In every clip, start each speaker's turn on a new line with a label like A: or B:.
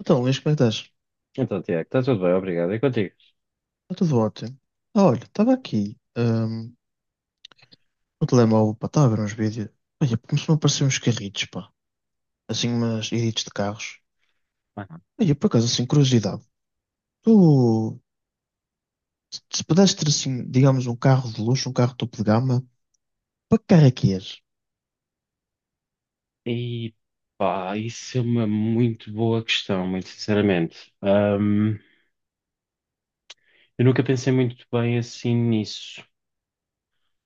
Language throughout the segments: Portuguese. A: Então, Luís, como é que estás?
B: Então, Tiago, está tudo bem, obrigado. E contigo?
A: Está tudo ótimo. Ah, olha, estava aqui no telemóvel, pá, estava a ver uns vídeos. Olha, começou a aparecer uns carritos, pá. Assim, umas edits de carros.
B: Aham.
A: Olha, por acaso, assim, curiosidade. Tu, se se pudesses ter, assim, digamos, um carro de luxo, um carro topo de gama, para que carro é que és?
B: E pá, isso é uma muito boa questão, muito sinceramente. Eu nunca pensei muito bem assim nisso.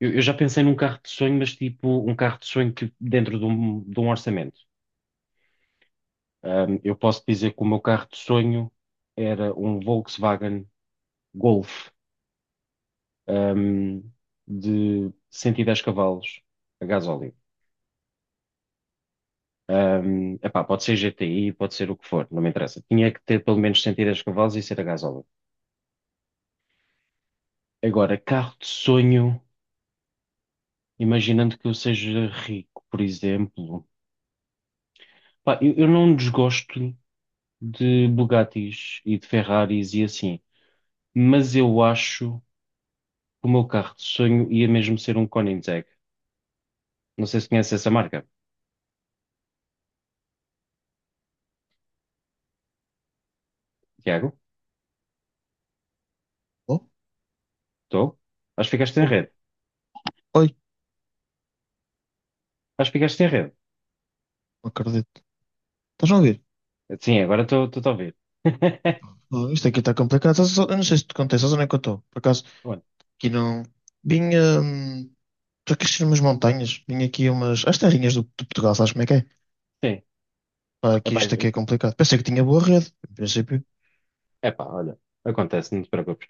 B: Eu já pensei num carro de sonho, mas tipo um carro de sonho que dentro de um orçamento. Eu posso dizer que o meu carro de sonho era um Volkswagen Golf, ahm, de 110 cavalos a gasóleo. Epá, pode ser GTI, pode ser o que for, não me interessa. Tinha que ter pelo menos 110 cavalos e ser a gasóleo. Agora, carro de sonho, imaginando que eu seja rico, por exemplo. Pá, eu não desgosto de Bugattis e de Ferraris e assim, mas eu acho que o meu carro de sonho ia mesmo ser um Koenigsegg. Não sei se conhece essa marca. Tiago?
A: Oh,
B: Estou? Acho que ficaste em
A: oh,
B: rede.
A: oi,
B: Acho que ficaste em rede.
A: não acredito. Estás a ouvir?
B: Sim, agora estou a ouvir.
A: Opa, oh, isto aqui está complicado. Eu não sei se te contei, sabes onde é que eu estou? Por acaso,
B: Bom.
A: aqui não. Vim, estou aqui a umas montanhas. Vim aqui a umas... As terrinhas de Portugal, sabes como é que é?
B: Sim.
A: Pá, aqui
B: Epá.
A: isto aqui é complicado. Pensei que tinha boa rede, em princípio.
B: Epá, olha, acontece, não te preocupes.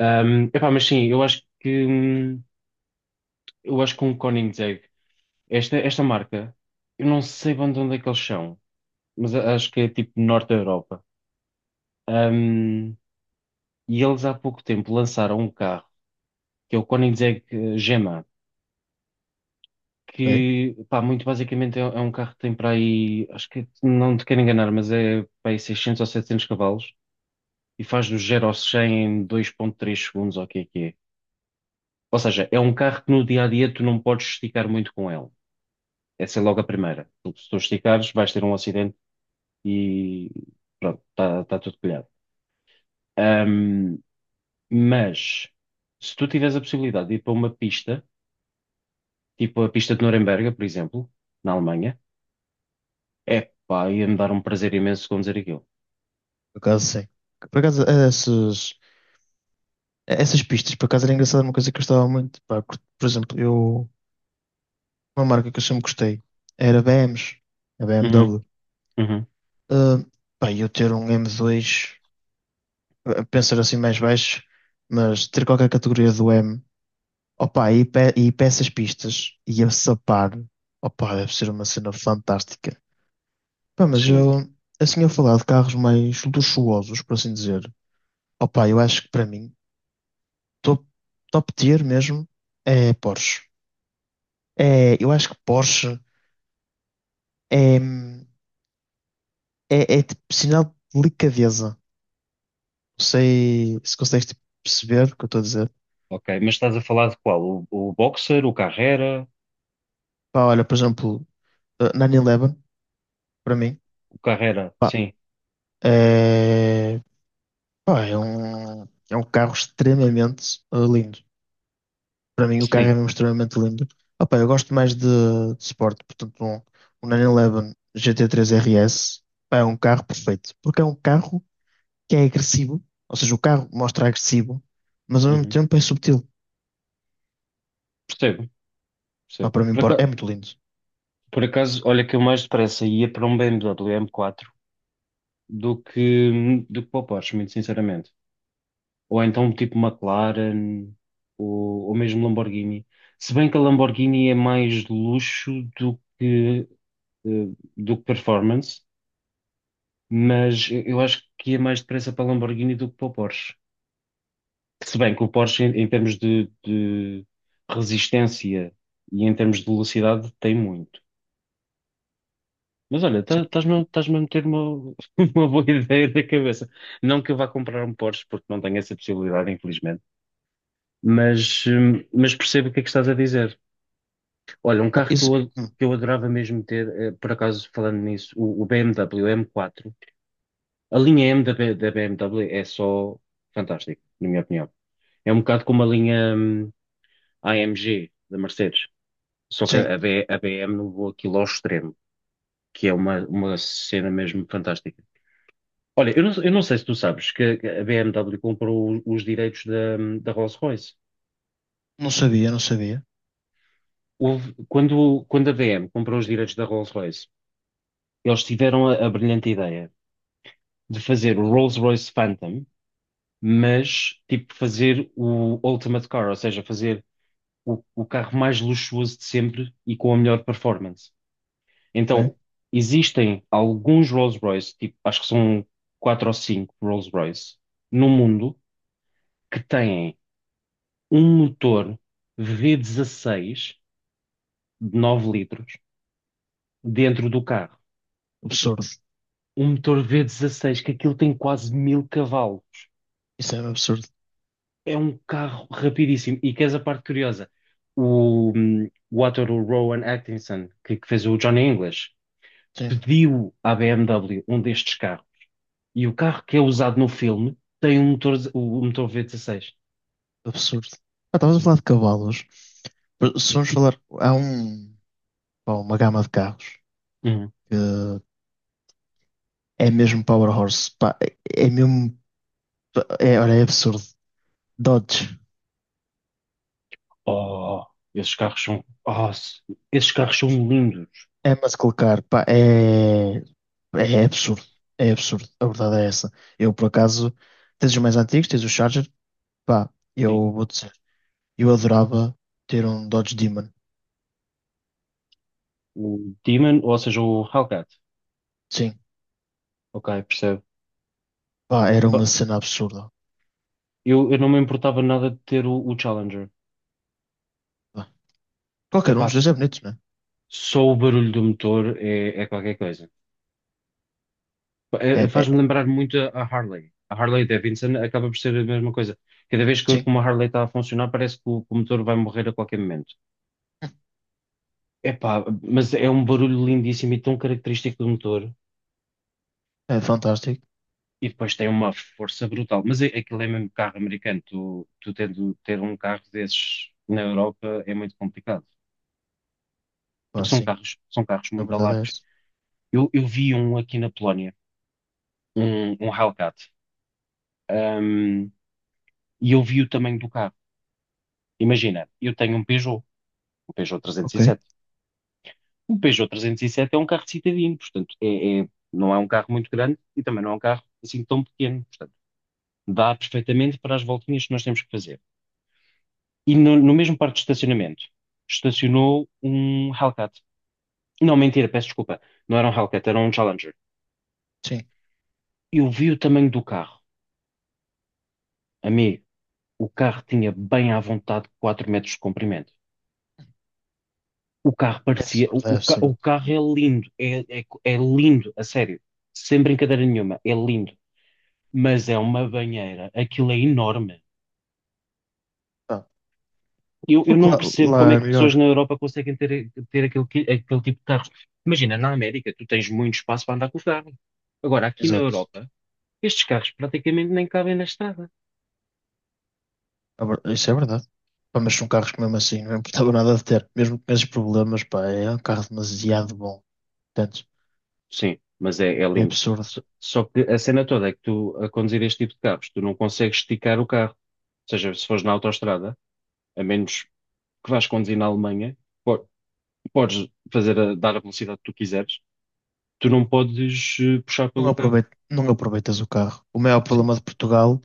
B: Epá, mas sim, eu acho que um Koenigsegg, esta marca, eu não sei bem de onde é que eles são, mas acho que é tipo norte da Europa. Ahm, e eles há pouco tempo lançaram um carro, que é o Koenigsegg Gema,
A: Ok,
B: que, pá, muito basicamente é um carro que tem para aí, acho que não te quero enganar, mas é para aí 600 ou 700 cavalos e faz do zero ao 100 em 2.3 segundos, ou o que é que é. Ou seja, é um carro que no dia a dia tu não podes esticar muito com ele. Essa é logo a primeira. Porque se tu esticares, vais ter um acidente e pronto, está tudo colhado. Ahm, mas se tu tiveres a possibilidade de ir para uma pista, tipo a pista de Nuremberg, por exemplo, na Alemanha, é pá, ia-me dar um prazer imenso conduzir aquilo.
A: por acaso sim. Por acaso, eh, essas pistas, por acaso era engraçado, uma coisa que eu gostava muito. Pá, por exemplo, eu, uma marca que eu sempre gostei era BMs, a
B: Uhum,
A: BMW.
B: uhum,
A: Ah, pá, eu ter um M2, eh, pensar assim mais baixo, mas ter qualquer categoria do M, opá, e, pe e para essas pistas, e a sapar, opá, deve ser uma cena fantástica. Pá, mas
B: sim,
A: eu, assim, a falar de carros mais luxuosos, por assim dizer. Opa, eu acho que para mim, top, top tier mesmo é Porsche. É, eu acho que Porsche é, é tipo, sinal de delicadeza. Não sei se consegues tipo, perceber o que eu estou a dizer.
B: ok. Mas estás a falar de qual? O Boxer, o Carrera?
A: Pá, olha, por exemplo, eh, 911, para mim,
B: O Carrera,
A: pá,
B: sim,
A: é, pá, é um carro extremamente eh, lindo. Para mim o carro
B: sim.
A: é mesmo extremamente limpo. Opa, eu gosto mais de Sport, portanto um, um 911 GT3 RS, pá, é um carro perfeito, porque é um carro que é agressivo, ou seja, o carro mostra agressivo, mas ao mesmo
B: Uhum.
A: tempo é subtil.
B: Percebo,
A: Pá, para mim pá, é
B: percebo.
A: muito lindo.
B: Por acaso, olha que eu mais depressa ia para um BMW M4 do que para o Porsche, muito sinceramente. Ou então tipo McLaren, ou mesmo Lamborghini. Se bem que a Lamborghini é mais luxo do eh, do que performance, mas eu acho que ia mais depressa para a Lamborghini do que para o Porsche. Se bem que o Porsche, em termos de resistência e em termos de velocidade, tem muito. Mas olha,
A: Sim.
B: estás-me a meter uma, uma boa ideia na cabeça. Não que eu vá comprar um Porsche, porque não tenho essa possibilidade, infelizmente, mas percebo o que é que estás a dizer. Olha, um
A: Pá,
B: carro
A: isso,
B: que eu adorava mesmo ter, por acaso falando nisso, o BMW M4. A linha M da BMW é só fantástica, na minha opinião. É um bocado como a linha, AMG da Mercedes, só que
A: sim,
B: a BM não voa aquilo ao extremo, que é uma cena mesmo fantástica. Olha, eu não sei se tu sabes que a BMW comprou os direitos da Rolls-Royce.
A: não sabia, não sabia.
B: Quando a BM comprou os direitos da Rolls-Royce, eles tiveram a brilhante ideia de fazer o Rolls-Royce Phantom, mas tipo fazer o Ultimate Car, ou seja, fazer o carro mais luxuoso de sempre e com a melhor performance.
A: Ok?
B: Então, existem alguns Rolls-Royce, tipo, acho que são quatro ou cinco Rolls-Royce, no mundo que têm. Um motor v dezasseis de 9 litros dentro do carro.
A: Absurdo,
B: Um motor v dezasseis que aquilo tem quase 1000 cavalos.
A: isso é um absurdo,
B: É um carro rapidíssimo. E queres a parte curiosa? O ator o Rowan Atkinson, que fez o Johnny English,
A: sim,
B: pediu à BMW um destes carros. E o carro que é usado no filme tem um motor, o motor v dezasseis.
A: absurdo. Ah, estavas a falar de cavalos, se vamos falar, há um, pá, uma gama de carros
B: Uhum.
A: que é mesmo Power Horse, pá, é é mesmo. É, olha, é absurdo. Dodge,
B: Oh, oh, esses carros são lindos.
A: ama-se colocar, pá, é, é absurdo. É absurdo. A verdade é essa. Eu, por acaso, tens os mais antigos, tens o Charger, pá,
B: Sim.
A: eu vou dizer, eu adorava ter um Dodge Demon.
B: O Demon, ou seja, o Hellcat.
A: Sim,
B: Ok, percebo.
A: pá, era uma
B: Epá,
A: cena absurda.
B: eu não me importava nada de ter o Challenger.
A: Pá.
B: é
A: Qualquer um dos dois é
B: s-
A: bonito, né?
B: Só o barulho do motor é qualquer coisa.
A: É, é,
B: Faz-me
A: é,
B: lembrar muito a Harley. A Harley Davidson acaba por ser a mesma coisa. Cada vez que
A: sim,
B: uma Harley está a funcionar, parece que que o motor vai morrer a qualquer momento. Epá, mas é um barulho lindíssimo e tão característico do motor.
A: é fantástico.
B: E depois tem uma força brutal. Aquilo é mesmo carro americano. Tu tendo ter um carro desses na Europa é muito complicado.
A: Pá,
B: Porque
A: sim,
B: são carros
A: a
B: muito
A: verdade é
B: largos.
A: essa.
B: Eu vi um aqui na Polónia, um Hellcat, hum, e eu vi o tamanho do carro. Imagina, eu tenho um Peugeot
A: Ok,
B: 307. Um Peugeot 307 é um carro de cidadino, portanto, não é um carro muito grande e também não é um carro assim tão pequeno. Portanto, dá perfeitamente para as voltinhas que nós temos que fazer. E no mesmo parque de estacionamento, estacionou um Hellcat. Não, mentira, peço desculpa. Não era um Hellcat, era um Challenger.
A: sim,
B: Eu vi o tamanho do carro, amigo. O carro tinha bem à vontade 4 metros de comprimento. O carro
A: é
B: parecia.
A: absurdo, é
B: O
A: absurdo.
B: carro é lindo, é lindo, a sério. Sem brincadeira nenhuma, é lindo. Mas é uma banheira, aquilo é enorme.
A: Pá,
B: Eu
A: porque
B: não
A: lá,
B: percebo
A: lá
B: como é
A: é
B: que pessoas na
A: melhor.
B: Europa conseguem ter, ter aquele tipo de carros. Imagina, na América, tu tens muito espaço para andar com o carro. Agora, aqui na
A: Exato.
B: Europa, estes carros praticamente nem cabem na estrada.
A: A ver- isso é verdade. Pá, mas são carros que mesmo assim não importava nada de ter. Mesmo com esses problemas, pá, é um carro demasiado bom. Portanto,
B: Sim, mas é
A: é
B: lindo.
A: absurdo.
B: Só que a cena toda é que tu, a conduzir este tipo de carros, tu não consegues esticar o carro. Ou seja, se fores na autoestrada, a menos que vás conduzir na Alemanha, po- podes dar a velocidade que tu quiseres, tu não podes puxar pelo carro.
A: Não aproveitas o carro. O maior
B: Sim,
A: problema de Portugal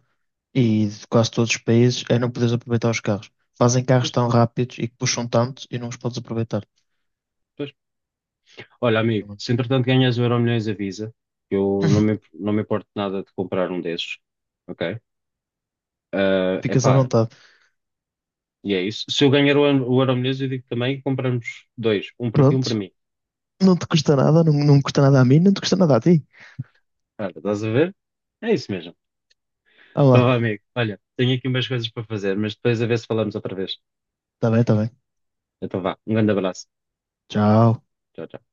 A: e de quase todos os países é não poderes aproveitar os carros. Fazem carros
B: pois,
A: tão rápidos e que puxam tanto e não os podes aproveitar.
B: pois. Olha, amigo, se entretanto ganhas o Euromilhões, avisa. Que eu não me importo nada de comprar um desses, ok? é
A: Ficas à
B: epá,
A: vontade.
B: e é isso. Se eu ganhar o Euromilhões, eu digo também que compramos dois, um para ti e um para
A: Pronto,
B: mim.
A: não te custa nada, não, não me custa nada a mim, não te custa nada a ti.
B: Olha, estás a ver? É isso mesmo.
A: Ah
B: Então,
A: lá,
B: vá, amigo. Olha, tenho aqui umas coisas para fazer, mas depois a ver se falamos outra vez.
A: tá bem, tá bem.
B: Então, vá. Um grande abraço.
A: Tchau.
B: Tchau, tchau.